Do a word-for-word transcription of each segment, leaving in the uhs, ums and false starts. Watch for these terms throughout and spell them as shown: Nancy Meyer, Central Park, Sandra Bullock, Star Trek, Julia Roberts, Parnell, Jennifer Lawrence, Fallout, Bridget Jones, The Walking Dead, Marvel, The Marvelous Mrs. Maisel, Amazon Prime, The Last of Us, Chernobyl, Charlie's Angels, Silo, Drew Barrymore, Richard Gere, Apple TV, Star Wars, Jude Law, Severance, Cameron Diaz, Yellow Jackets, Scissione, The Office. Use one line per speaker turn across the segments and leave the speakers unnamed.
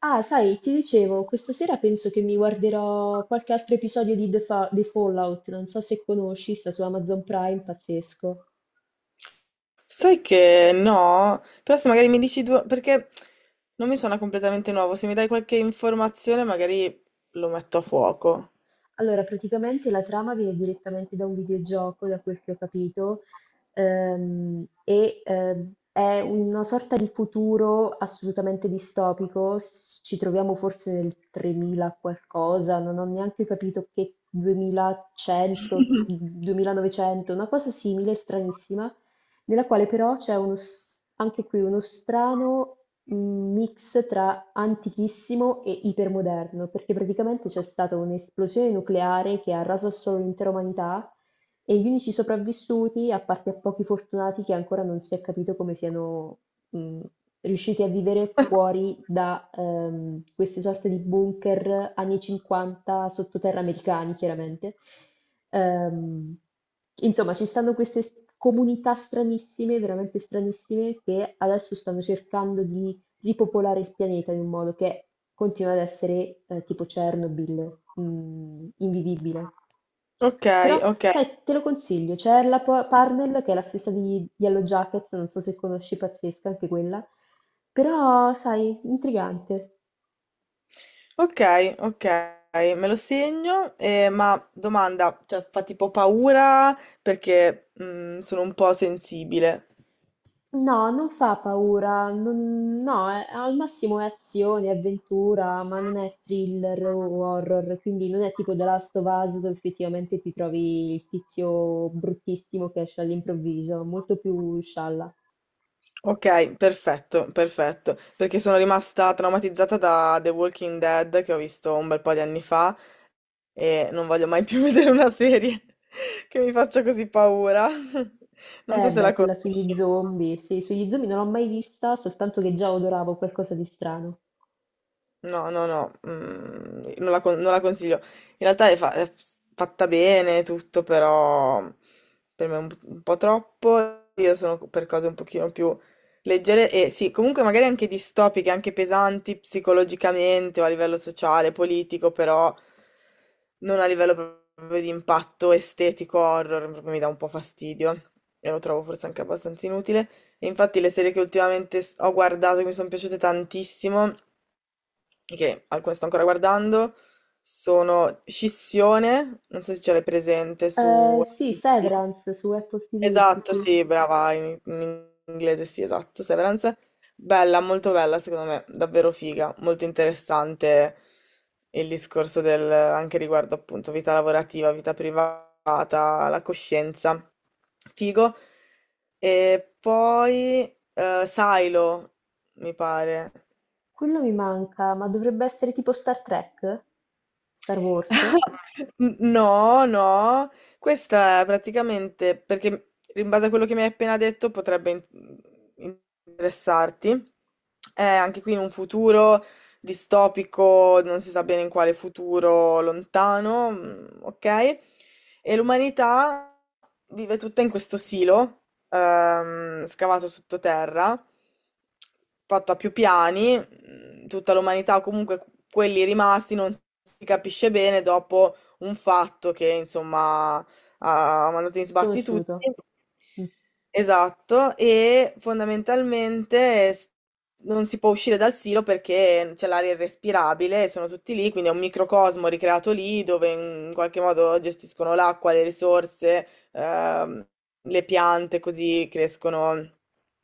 Ah, sai, ti dicevo, questa sera penso che mi guarderò qualche altro episodio di The Fa- di Fallout, non so se conosci, sta su Amazon Prime, pazzesco.
Sai che no, però se magari mi dici due, perché non mi suona completamente nuovo, se mi dai qualche informazione magari lo metto a fuoco.
Allora, praticamente la trama viene direttamente da un videogioco, da quel che ho capito, ehm, e ehm, è una sorta di futuro assolutamente distopico. S- Ci troviamo forse nel tremila qualcosa, non ho neanche capito, che duemilacento, duemilanovecento, una cosa simile, stranissima, nella quale però c'è uno, s- anche qui uno strano un mix tra antichissimo e ipermoderno, perché praticamente c'è stata un'esplosione nucleare che ha raso solo l'intera umanità e gli unici sopravvissuti, a parte a pochi fortunati che ancora non si è capito come siano mh, riusciti a vivere fuori da ehm, queste sorte di bunker anni cinquanta sottoterra americani, chiaramente. Ehm, insomma, ci stanno queste s- comunità stranissime, veramente stranissime, che adesso stanno cercando di ripopolare il pianeta in un modo che continua ad essere, eh, tipo Chernobyl, mm, invivibile.
Ok,
Però,
ok,
sai, te lo consiglio, c'è la Pa- Parnell che è la stessa di Yellow Jackets, non so se conosci, pazzesca anche quella, però, sai, intrigante.
ok, ok, me lo segno, eh, ma domanda, cioè fa tipo paura perché mm, sono un po' sensibile.
No, non fa paura, non- no, è- al massimo è azione, avventura, ma non è thriller o horror, quindi non è tipo The Last of Us, dove effettivamente ti trovi il tizio bruttissimo che esce all'improvviso, molto più scialla.
Ok, perfetto, perfetto, perché sono rimasta traumatizzata da The Walking Dead che ho visto un bel po' di anni fa. E non voglio mai più vedere una serie che mi faccia così paura. Non so
Eh
se la
beh, quella sugli
conosci.
zombie, sì, sugli zombie non l'ho mai vista, soltanto che già odoravo qualcosa di strano.
No, no, no, mm, non la, con- non la consiglio. In realtà è, fa- è fatta bene tutto, però per me è un, un po' troppo. Io sono per cose un pochino più leggere e sì, comunque magari anche distopiche, anche pesanti psicologicamente o a livello sociale, politico, però non a livello proprio di impatto estetico, horror, proprio mi dà un po' fastidio e lo trovo forse anche abbastanza inutile. E infatti le serie che ultimamente s- ho guardato e mi sono piaciute tantissimo che alcune sto ancora guardando, sono Scissione, non so se ce l'hai presente su...
Eh, sì, Severance su Apple T V, sì,
Esatto,
sì,
sì, brava, in, in inglese sì, esatto, Severance. Bella, molto bella, secondo me, davvero figa, molto interessante il discorso del, anche riguardo appunto vita lavorativa, vita privata, la coscienza. Figo. E poi eh, Silo, mi pare.
quello mi manca, ma dovrebbe essere tipo Star Trek? Star Wars?
N- No, no, questa è praticamente perché in base a quello che mi hai appena detto potrebbe in- interessarti. È anche qui in un futuro distopico, non si sa bene in quale futuro lontano, mm, ok? E l'umanità vive tutta in questo silo ehm, scavato sottoterra, fatto a più piani, mh, tutta l'umanità, o comunque quelli rimasti, non si capisce bene dopo un fatto che insomma ha ha mandato in sbatti tutti.
Sconosciuto. Mh.
Esatto, e fondamentalmente eh, s- non si può uscire dal silo perché c'è l'aria irrespirabile, sono tutti lì, quindi è un microcosmo ricreato lì dove in qualche modo gestiscono l'acqua, le risorse, ehm, le piante così crescono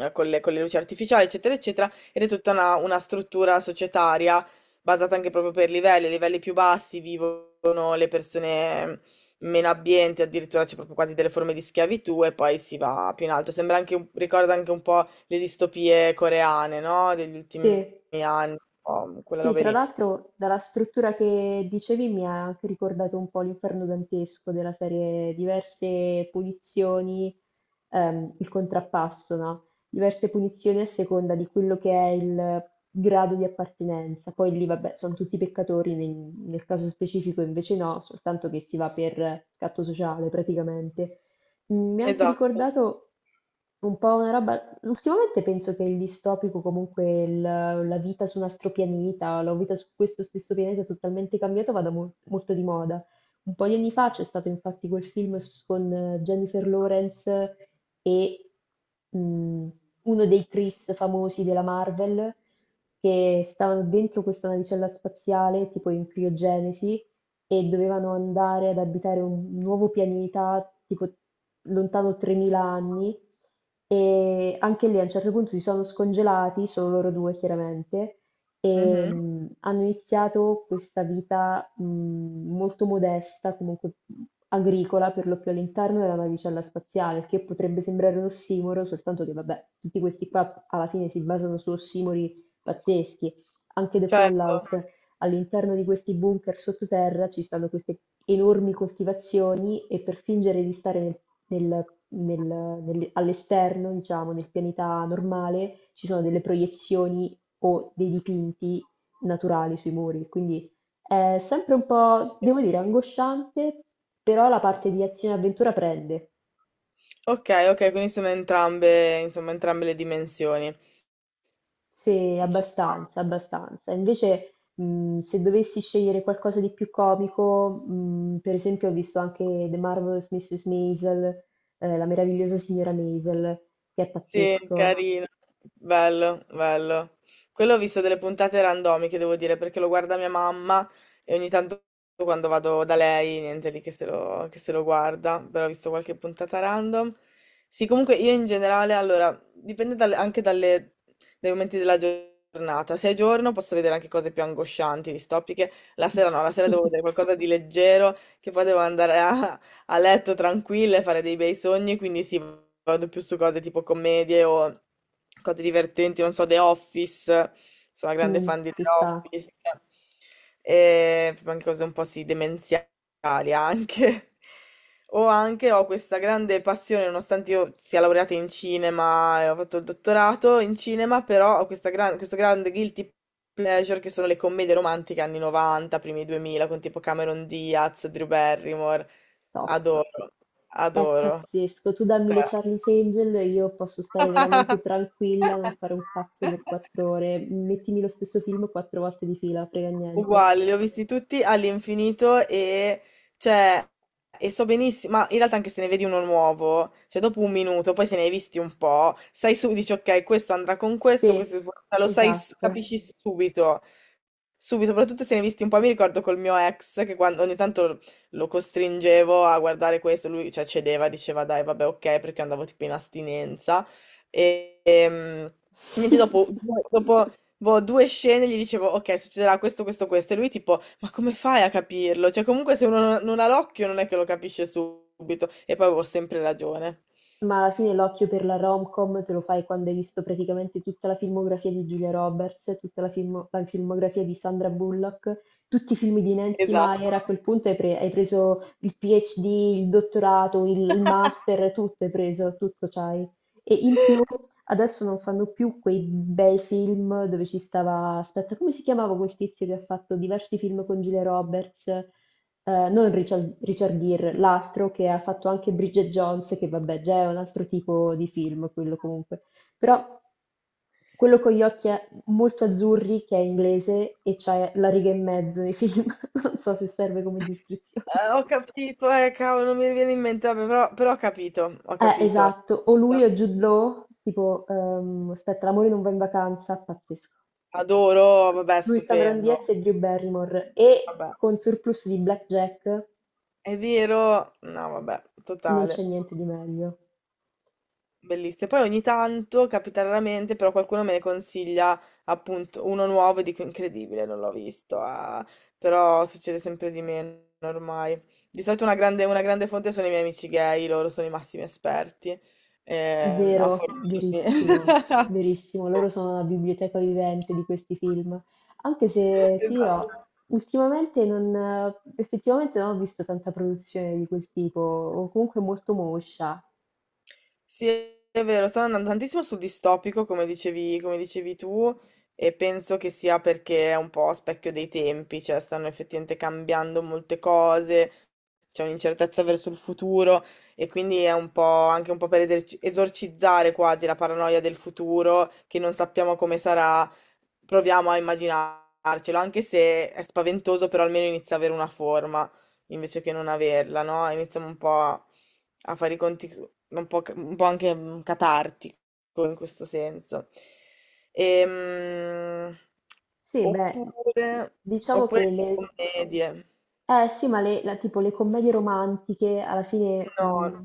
eh, con le, con le luci artificiali, eccetera, eccetera, ed è tutta una, una struttura societaria basata anche proprio per livelli, a livelli più bassi vivono le persone meno abbienti, addirittura c'è proprio quasi delle forme di schiavitù e poi si va più in alto. Sembra anche un- ricorda anche un po' le distopie coreane, no? Degli ultimi
Sì,
anni, un po' quella
sì,
roba
tra
lì.
l'altro dalla struttura che dicevi mi ha anche ricordato un po' l'Inferno dantesco della serie, diverse punizioni, ehm, il contrappasso, no, diverse punizioni a seconda di quello che è il grado di appartenenza. Poi lì vabbè son tutti peccatori, nel nel caso specifico invece no, soltanto che si va per scatto sociale praticamente. Mm, mi ha anche
Esatto.
ricordato un po' una roba. Ultimamente penso che il distopico, comunque il- la vita su un altro pianeta, la vita su questo stesso pianeta totalmente cambiato, vada mol- molto di moda. Un po' di anni fa c'è stato infatti quel film s- con, eh, Jennifer Lawrence e, mh, uno dei Chris famosi della Marvel, che stavano dentro questa navicella spaziale, tipo in criogenesi, e dovevano andare ad abitare un nuovo pianeta, tipo lontano tremila anni, e anche lì a un certo punto si sono scongelati, solo loro due chiaramente, e,
Mhm.
mm, hanno iniziato questa vita, mm, molto modesta, comunque agricola, per lo più all'interno della navicella spaziale, che potrebbe sembrare un ossimoro, soltanto che vabbè, tutti questi qua alla fine si basano su ossimori pazzeschi, anche The
Certo.
Fallout. All'interno di questi bunker sottoterra ci stanno queste enormi coltivazioni e per fingere di stare nel- nel- nel- nel- all'esterno, diciamo, nel pianeta normale, ci sono delle proiezioni o dei dipinti naturali sui muri. Quindi è sempre un po', devo dire, angosciante, però la parte di azione e avventura prende.
Ok, ok, quindi sono entrambe, insomma, entrambe le dimensioni.
Sì,
Ci sta.
abbastanza, abbastanza. Invece, mh, se dovessi scegliere qualcosa di più comico, mh, per esempio, ho visto anche The Marvelous signora Maisel, eh, la meravigliosa signora Maisel, che è
Sì,
pazzesco.
carino. Bello, bello. Quello ho visto delle puntate randomiche, devo dire, perché lo guarda mia mamma e ogni tanto quando vado da lei, niente lì che se lo, che se lo guarda, però ho visto qualche puntata random. Sì, comunque io in generale, allora, dipende dalle- anche dalle- dai momenti della giornata. Se è giorno posso vedere anche cose più angoscianti, distopiche. La sera no, la sera devo vedere qualcosa di leggero che poi devo andare a a letto tranquilla e fare dei bei sogni, quindi sì, vado più su cose tipo commedie o cose divertenti, non so, The Office, sono una grande
Mm,
fan di
ci
The
sta,
Office, e anche cose un po' sì, demenziali anche. O anche ho questa grande passione, nonostante io sia laureata in cinema e ho fatto il dottorato in cinema, però ho questa gran- questo grande guilty pleasure che sono le commedie romantiche anni novanta, primi duemila, con tipo Cameron Diaz, Drew Barrymore.
top.
Adoro,
È
adoro.
pazzesco. Tu dammi
Cioè.
le Charlie's Angel, io posso stare veramente tranquilla, non fare un cazzo per quattro ore. Mettimi lo stesso film quattro volte di fila, frega niente.
Uguali, li ho visti tutti all'infinito e, cioè, e so benissimo, ma in realtà anche se ne vedi uno nuovo, cioè dopo un minuto, poi se ne hai visti un po', sai su, dici ok, questo andrà con questo,
Sì,
questo, cioè, lo sai, s-
esatto.
capisci subito, subito, soprattutto se ne hai visti un po', mi ricordo col mio ex che quando ogni tanto lo costringevo a guardare questo, lui, cioè, cedeva, diceva dai, vabbè, ok, perché andavo tipo in astinenza e... ehm, Niente, dopo, dopo boh, due scene gli dicevo, ok, succederà questo, questo, questo, e lui tipo, ma come fai a capirlo? Cioè, comunque se uno non non ha l'occhio non è che lo capisce subito, e poi avevo sempre ragione.
Ma alla fine l'occhio per la rom-com te lo fai quando hai visto praticamente tutta la filmografia di Julia Roberts, tutta la, film- la filmografia di Sandra Bullock, tutti i film di Nancy Meyer,
Esatto.
a quel punto hai, pre- hai preso il PhD, il dottorato, il, il master, tutto hai preso, tutto c'hai. E in più adesso non fanno più quei bei film dove ci stava, aspetta, come si chiamava quel tizio che ha fatto diversi film con Julia Roberts? Ehm, non Richard Richard Gere, l'altro che ha fatto anche Bridget Jones, che vabbè già è un altro tipo di film quello comunque. Però quello con gli occhi a- molto azzurri, che è inglese e c'è la riga e mezzo nei film, non so se serve come descrizione.
Eh, ho capito, eh, cavolo, non mi viene in mente, vabbè, però, però ho capito, ho
Eh,
capito.
esatto, o lui o Jude Law, tipo, ehm, aspetta, l'amore non va in vacanza, pazzesco, pazzesco.
Adoro, vabbè,
Lui, Cameron Diaz
stupendo,
e Drew Barrymore, e
vabbè.
con surplus di blackjack
È vero? No, vabbè,
non c'è
totale.
niente di meglio.
Bellissime. Poi ogni tanto capita raramente, però qualcuno me ne consiglia appunto uno nuovo e dico incredibile, non l'ho visto. Ah". Però succede sempre di meno ormai. Di solito una grande, una grande fonte sono i miei amici gay, loro sono i massimi esperti ehm, a
Vero,
fornirmi.
verissimo, verissimo. Loro sono la biblioteca vivente di questi film. Anche se ti dirò,
Esatto.
ultimamente non, effettivamente non ho visto tanta produzione di quel tipo, o comunque molto moscia.
Sì, è vero, stanno andando tantissimo sul distopico, come dicevi, come dicevi tu, e penso che sia perché è un po' a specchio dei tempi, cioè stanno effettivamente cambiando molte cose, c'è un'incertezza verso il futuro e quindi è un po' anche un po' per eserci- esorcizzare quasi la paranoia del futuro, che non sappiamo come sarà, proviamo a immaginarcelo, anche se è spaventoso, però almeno inizia ad avere una forma invece che non averla, no? Iniziamo un po' a a fare i conti un po', ca- un po' anche mm, catartico in questo senso. Ehm,
Sì, beh,
oppure,
diciamo
oppure
che
sì,
le...
commedie.
Eh sì, ma le, la- tipo le commedie romantiche alla fine,
No,
mh,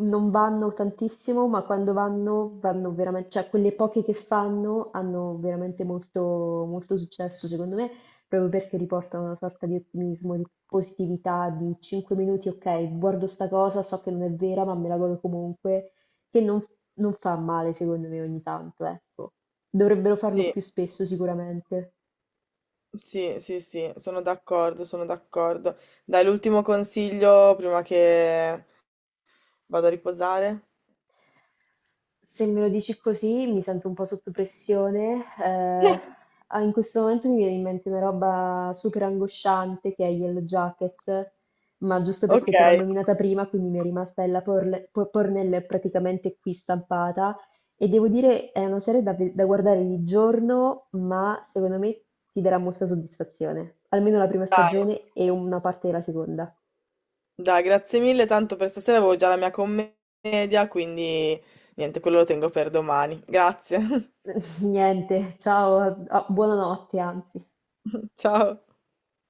non vanno tantissimo, ma quando vanno, vanno veramente, cioè quelle poche che fanno hanno veramente molto, molto successo, secondo me, proprio perché riportano una sorta di ottimismo, di positività, di cinque minuti, ok, guardo sta cosa, so che non è vera, ma me la godo comunque, che non, non fa male, secondo me, ogni tanto, ecco. Dovrebbero farlo
sì,
più spesso sicuramente.
sì, sì, sì, sono d'accordo, sono d'accordo. Dai, l'ultimo consiglio prima che vado a riposare.
Se me lo dici così mi sento un po' sotto pressione. Eh, ah, in questo momento mi viene in mente una roba super angosciante che è Yellow Jackets, ma giusto
Ok,
perché te l'ho nominata prima, quindi mi è rimasta Ella Porle- Po- Pornell praticamente qui stampata. E devo dire, è una serie da, ve- da guardare di giorno, ma secondo me ti darà molta soddisfazione. Almeno la prima
dai,
stagione e una parte della seconda.
dai, grazie mille, tanto per stasera avevo già la mia commedia, quindi niente, quello lo tengo per domani. Grazie.
Niente, ciao, a- a- buonanotte anzi.
Ciao.